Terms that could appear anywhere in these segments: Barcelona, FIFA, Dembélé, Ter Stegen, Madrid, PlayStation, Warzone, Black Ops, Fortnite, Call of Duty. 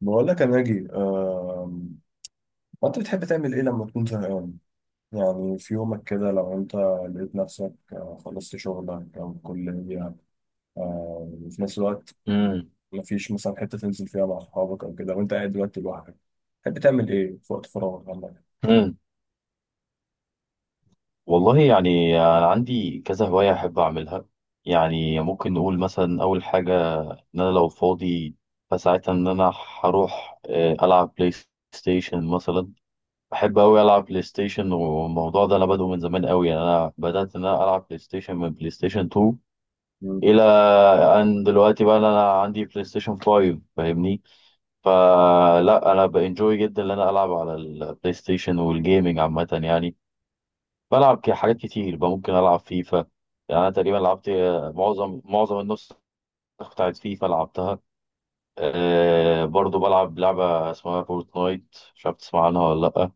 بقول لك يا ناجي، انت بتحب تعمل ايه لما تكون زهقان؟ يعني في يومك كده، لو انت لقيت نفسك خلصت شغلك او الكلية، وفي نفس الوقت امم مفيش مثلا حتة تنزل فيها مع اصحابك او كده، وانت قاعد دلوقتي لوحدك، تحب تعمل ايه في وقت فراغك عندك؟ امم والله يعني انا عندي كذا هوايه احب اعملها. يعني ممكن نقول مثلا اول حاجه، ان انا لو فاضي فساعتها ان انا هروح العب بلاي ستيشن مثلا. بحب قوي العب بلاي ستيشن، والموضوع ده انا بادئه من زمان قوي، يعني انا بدات ان انا العب بلاي ستيشن من بلاي ستيشن 2 مم. الى ان دلوقتي بقى انا عندي بلاي ستيشن 5، فاهمني؟ فلا انا بانجوي جدا ان انا العب على البلاي ستيشن والجيمنج عامه. يعني بلعب حاجات كتير بقى، ممكن العب فيفا، يعني انا تقريبا لعبت معظم النسخ بتاعت فيفا لعبتها. أه، برضو بلعب لعبة اسمها فورتنايت، مش عارف تسمع عنها ولا لأ.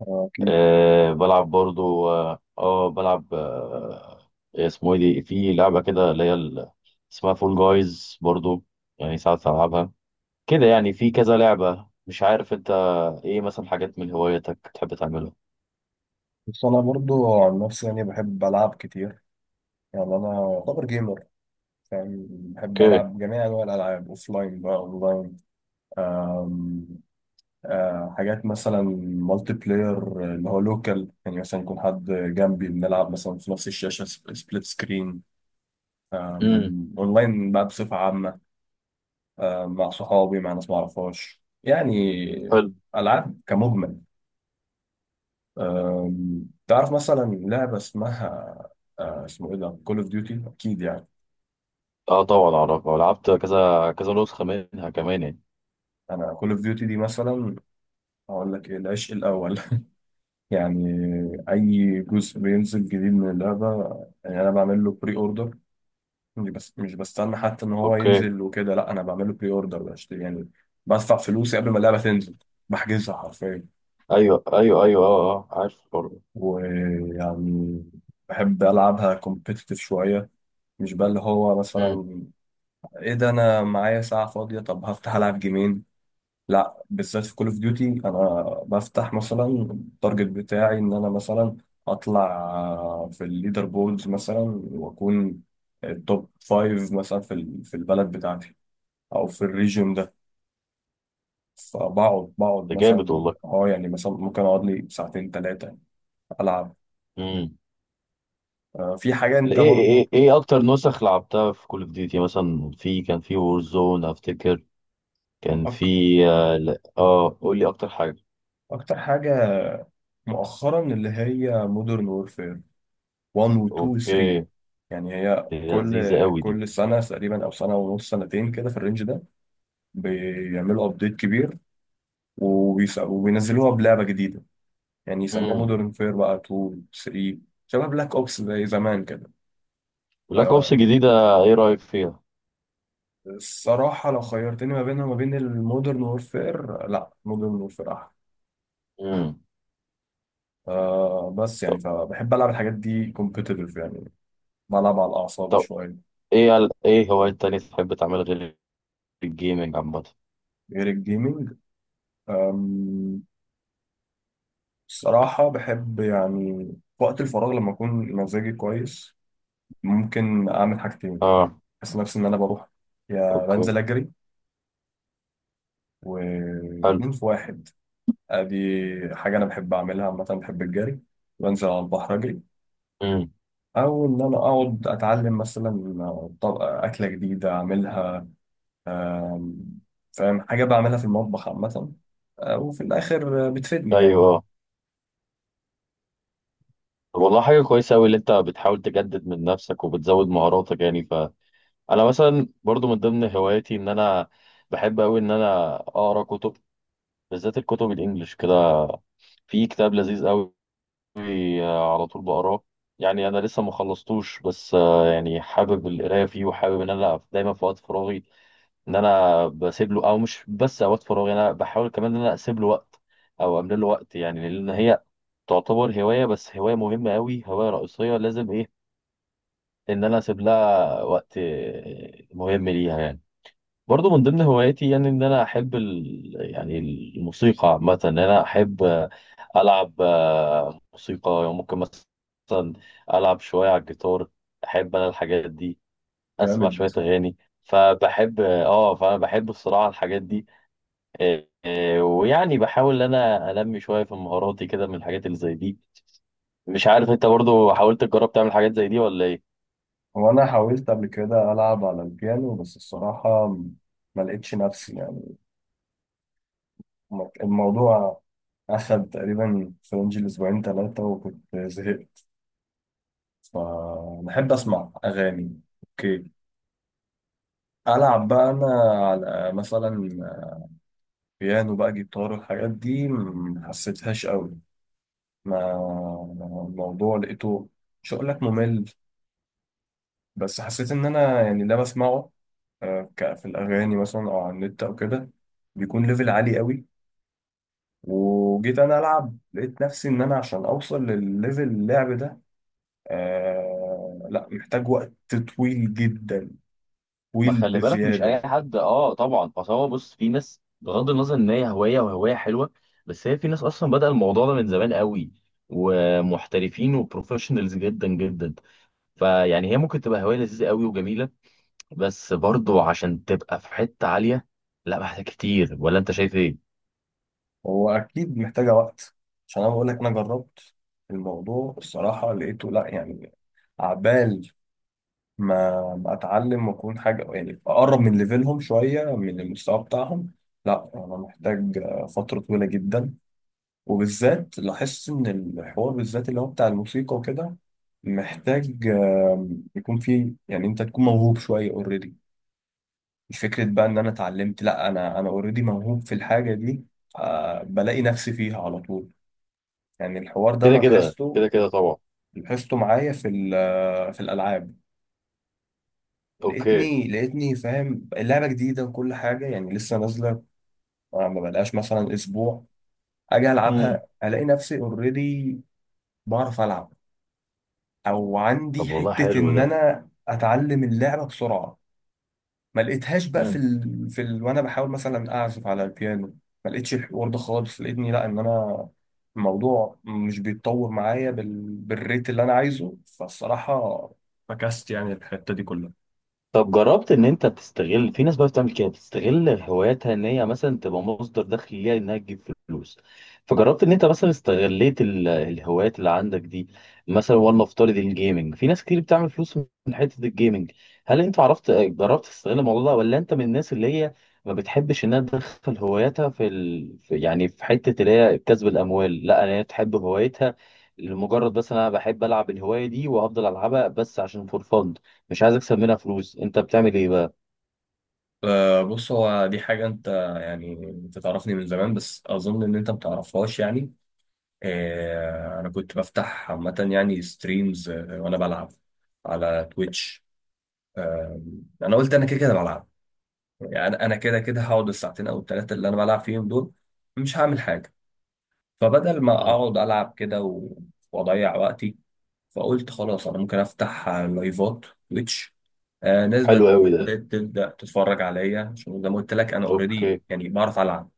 اكيد. أه بلعب برضو بلعب اسمه ايه دي، في لعبة كده اللي هي اسمها فول جايز برضو، يعني ساعات ألعبها كده. يعني في كذا لعبة. مش عارف انت ايه مثلا حاجات من هواياتك بتحب تعملها؟ بس انا برضو عن نفسي يعني بحب العب كتير، يعني انا مم. اعتبر جيمر. يعني بحب اوكي. العب جميع انواع الالعاب، اوفلاين بقى، اونلاين. حاجات مثلا مالتي بلاير اللي هو لوكال، يعني مثلا يكون حد جنبي بنلعب مثلا في نفس الشاشة، سبليت سكرين. امم. اونلاين بقى بصفة عامة، مع صحابي، مع ناس ما اعرفهاش يعني. حلو. ألعاب كمجمل. تعرف مثلا لعبة اسمه ايه ده، كول اوف ديوتي، اكيد يعني. اه طبعا اعرفها، لعبت كذا كذا نسخه منها كمان يعني. انا كول اوف ديوتي دي مثلا هقول لك ايه، العشق الاول. يعني اي جزء بينزل جديد من اللعبة، يعني انا بعمل له بري اوردر. مش بستنى حتى ان هو اوكي. ينزل وكده، لا انا بعمله بري اوردر، بشتري يعني، بدفع فلوسي قبل ما اللعبه تنزل، بحجزها حرفيا. ايوه ايوه ايوه، اه اه عارف برضه. ويعني بحب العبها كومبيتيتيف شويه، مش بقى اللي هو امم. مثلا ايه ده، انا معايا ساعه فاضيه طب هفتح العب جيمين. لا، بالذات في كول اوف ديوتي انا بفتح مثلا التارجت بتاعي ان انا مثلا اطلع في الليدر بوردز مثلا، واكون التوب فايف مثلا في في البلد بتاعتي، او في الريجن. فبقعد ده جامد مثلا، والله. اه يعني مثلا ممكن اقعد لي ساعتين ثلاثة العب. امم. في حاجة ايه انت ايه ايه برضو إيه اكتر نسخ لعبتها في كول اوف ديوتي؟ مثلا في، كان في وور زون افتكر، كان في، أك... اه لا، قول لي اكتر حاجه. اكتر حاجة مؤخرا اللي هي مودرن وورفير 1 و 2 و 3. اوكي. يعني هي دي لذيذه قوي دي. كل سنة تقريبا او سنة ونص سنتين كده في الرينج ده بيعملوا ابديت كبير، وبينزلوها بلعبة جديدة، يعني يسموها امم. مودرن فير بقى 2 3، شبه بلاك اوبس زي زمان كده. بلاك اوبس آه، الجديده، ايه رايك فيها؟ الصراحة لو خيرتني ما بينها وما بين المودرن وورفير، لا مودرن وورفير أحلى. امم. بس يعني طب. فبحب ألعب الحاجات دي كومبيتيتيف يعني، بلعب على الأعصاب طب شوية. ايه ايه هوايات تانية تحب تعمل غير الجيمنج عامه؟ غير الجيمنج، آم، الصراحة بحب يعني وقت الفراغ لما أكون مزاجي كويس ممكن أعمل حاجتين. اه. بحس نفسي إن أنا بروح يا اوكي. بنزل أجري، حلو. واتنين في واحد. أدي حاجة أنا بحب أعملها عامة، بحب الجري، بنزل على البحر أجري. امم. أو إن أنا أقعد أتعلم مثلا طبق أكلة جديدة أعملها، فاهم؟ حاجة بعملها في المطبخ عامة، وفي الآخر بتفيدني يعني. ايوه. طب والله حاجه كويسه قوي اللي انت بتحاول تجدد من نفسك وبتزود مهاراتك يعني. فانا مثلا برضو من ضمن هواياتي ان انا بحب قوي ان انا اقرا كتب، بالذات الكتب الانجليش كده. في كتاب لذيذ قوي على طول بقراه، يعني انا لسه ما خلصتوش، بس يعني حابب القرايه فيه، وحابب ان انا دايما في وقت فراغي ان انا بسيب له، او مش بس اوقات فراغي، انا بحاول كمان ان انا اسيب له وقت او املى له وقت، يعني لان هي تعتبر هوايه، بس هوايه مهمه قوي، هوايه رئيسيه لازم ايه ان انا اسيب لها وقت مهم ليها يعني. برضو من ضمن هواياتي يعني ان انا احب يعني الموسيقى عامه، ان انا احب العب موسيقى، يعني ممكن مثلا العب شويه على الجيتار، احب انا الحاجات دي، اسمع جامد. شويه اغاني. فبحب اه، فانا بحب الصراحه الحاجات دي. إيه إيه، ويعني بحاول ان انا انمي شويه في مهاراتي كده من الحاجات اللي زي دي. مش عارف انت برضو حاولت تجرب تعمل حاجات زي دي ولا ايه؟ هو أنا حاولت قبل كده ألعب على البيانو، بس الصراحة ما لقيتش نفسي يعني. الموضوع أخد تقريبا في رينج الأسبوعين ثلاثة وكنت زهقت. فبحب أسمع أغاني، أوكي، ألعب بقى أنا على مثلا بيانو بقى، جيتار، والحاجات دي ما حسيتهاش قوي. ما الموضوع لقيته، مش هقول لك ممل، بس حسيت ان انا يعني ده بسمعه في الاغاني مثلا، او على النت او كده، بيكون ليفل عالي قوي، وجيت انا العب لقيت نفسي ان انا عشان اوصل للليفل اللعب ده، لا، محتاج وقت طويل جدا، ما طويل خلي بالك، مش اي بزياده. حد، اه طبعا، اصل هو بص في ناس، بغض النظر ان هي هوايه وهوايه حلوه، بس هي في ناس اصلا بدأ الموضوع ده من زمان قوي، ومحترفين وبروفيشنالز جدا جدا. فيعني هي ممكن تبقى هوايه لذيذه قوي وجميله، بس برضو عشان تبقى في حته عاليه لا محتاج كتير، ولا انت شايف ايه؟ هو اكيد محتاجه وقت، عشان انا بقول لك انا جربت الموضوع، الصراحه لقيته، لا يعني عبال ما اتعلم واكون حاجه، يعني اقرب من ليفلهم شويه، من المستوى بتاعهم، لا انا محتاج فتره طويله جدا. وبالذات لاحظت ان الحوار بالذات اللي هو بتاع الموسيقى وكده محتاج يكون فيه يعني انت تكون موهوب شويه اوريدي، مش فكره بقى ان انا اتعلمت، لا انا اوريدي موهوب في الحاجه دي، بلاقي نفسي فيها على طول. يعني الحوار ده انا كده كده لاحظته، كده كده طبعا. معايا في في الالعاب. اوكي. لقيتني فاهم اللعبة جديدة وكل حاجة، يعني لسه نازلة، ما بقالهاش مثلا أسبوع، أجي مم. ألعبها ألاقي نفسي أوريدي بعرف ألعب، أو طب عندي والله حتة حلو إن ده. أنا أتعلم اللعبة بسرعة. ما لقيتهاش بقى مم. وأنا بحاول مثلا أعزف على البيانو، ما لقيتش الحوار ده خالص. لقيتني لا إن أنا الموضوع مش بيتطور معايا بالريت اللي أنا عايزه. فالصراحة فكست يعني الحتة دي كلها. طب جربت ان انت تستغل، في ناس بقى بتعمل كده، بتستغل هواياتها ان هي مثلا تبقى مصدر دخل ليها، انها تجيب فلوس. فجربت ان انت مثلا استغليت الهوايات اللي عندك دي؟ مثلا والله، افترض الجيمنج، في ناس كتير بتعمل فلوس من حته الجيمنج. هل انت عرفت جربت تستغل الموضوع ده، ولا انت من الناس اللي هي ما بتحبش انها تدخل هواياتها في, في يعني في حته اللي هي كسب الاموال؟ لا انا هي تحب هوايتها لمجرد، بس انا بحب العب الهوايه دي وافضل العبها بس عشان فور فن، مش عايز اكسب منها فلوس. انت بتعمل ايه بقى؟ بص، هو دي حاجة أنت يعني أنت تعرفني من زمان بس أظن إن أنت متعرفهاش يعني. أنا كنت بفتح عامة يعني ستريمز وأنا بلعب على تويتش. آه، أنا قلت أنا كده كده بلعب، يعني أنا كده كده هقعد الساعتين أو التلاتة اللي أنا بلعب فيهم دول، مش هعمل حاجة، فبدل ما مم. أقعد ألعب كده و- وأضيع وقتي، فقلت خلاص انا ممكن افتح لايفات تويتش. ناس حلو قوي ده. بدات تبدا تتفرج عليا، عشان زي ما قلت لك انا اوريدي اوكي. يعني بعرف العب،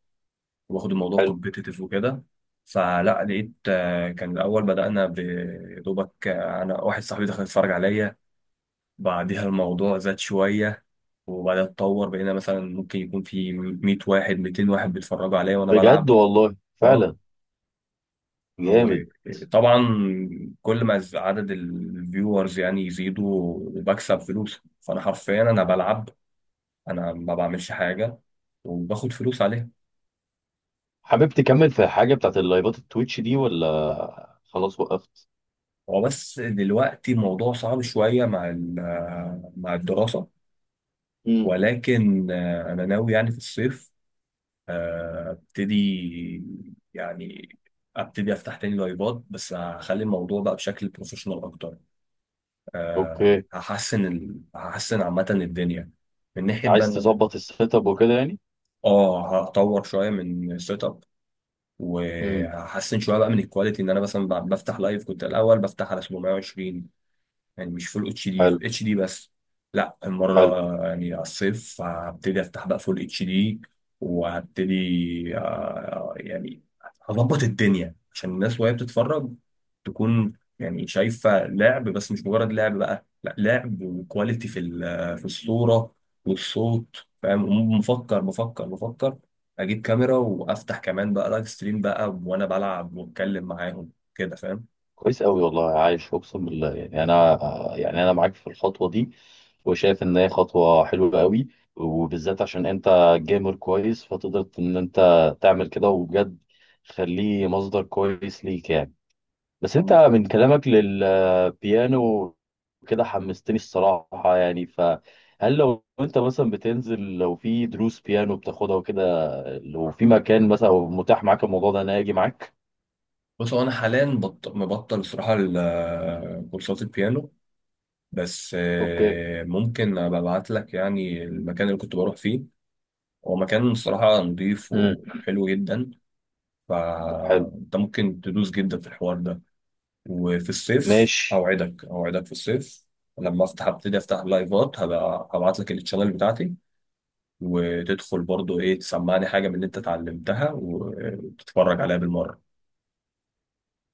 واخد الموضوع حلو. كومبيتيتيف وكده. فلا لقيت، كان الاول بدانا يا دوبك، انا واحد صاحبي دخل يتفرج عليا. بعدها الموضوع زاد شويه، وبعدها اتطور بقينا مثلا ممكن يكون في 100 واحد 200 واحد بيتفرجوا عليا وانا بلعب. بجد والله آه. فعلا. جامد. وطبعا كل ما عدد الفيورز يعني يزيدوا، بكسب فلوس. فانا حرفيا انا بلعب، انا ما بعملش حاجه وباخد فلوس عليها. حابب تكمل في حاجه بتاعت اللايفات التويتش دي، ولا خلاص وقفت؟ هو بس دلوقتي الموضوع صعب شويه مع مع الدراسه، مم. ولكن انا ناوي يعني في الصيف ابتدي يعني افتح تاني لايفات، بس هخلي الموضوع بقى بشكل بروفيشنال اكتر. اوكي. هحسن عامه الدنيا من ناحيه بقى عايز ان انا، تظبط السيت اب وكده يعني؟ اه هطور شويه من السيت اب، مم. وهحسن شويه بقى من الكواليتي ان انا مثلا بفتح لايف. كنت الاول بفتح على 720 يعني مش فول اتش دي، حلو. اتش دي بس. لا، حلو. المره يعني على الصيف هبتدي افتح بقى فول اتش دي، وهبتدي يعني هظبط الدنيا عشان الناس وهي بتتفرج تكون يعني شايفه لعب، بس مش مجرد لعب بقى، لا لعب وكواليتي في في الصوره والصوت. فاهم؟ مفكر مفكر مفكر اجيب كاميرا وافتح كمان بقى لايف ستريم بقى وانا بلعب واتكلم معاهم كده، فاهم؟ كويس قوي والله، عايش، اقسم بالله، يعني انا يعني انا معاك في الخطوه دي، وشايف ان هي خطوه حلوه قوي، وبالذات عشان انت جيمر كويس، فتقدر ان انت تعمل كده، وبجد خليه مصدر كويس ليك يعني. بس انت من كلامك للبيانو كده حمستني الصراحه يعني، فهل لو انت مثلا بتنزل، لو في دروس بيانو بتاخدها وكده، لو في مكان مثلا متاح معاك الموضوع ده، انا اجي معاك. بص، هو انا حاليا مبطل صراحه كورسات البيانو، بس اوكي. ممكن ابقى ابعت لك يعني المكان اللي كنت بروح فيه. هو مكان صراحه نظيف امم. وحلو جدا، حلو. فانت ممكن تدوس جدا في الحوار ده. وفي الصيف ماشي. اوعدك، اوعدك في الصيف لما افتح، ابتدي افتح لايفات، هبقى هبعت لك الشانل بتاعتي، وتدخل برضو ايه تسمعني حاجه من اللي انت اتعلمتها، وتتفرج عليها بالمره.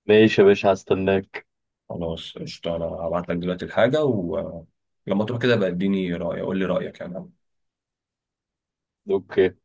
ماشي يا باشا، هستناك. خلاص قشطة، أنا هبعت لك دلوقتي الحاجة، ولما تروح كده بقى اديني رأي، قول لي رأيك يعني. اوكي.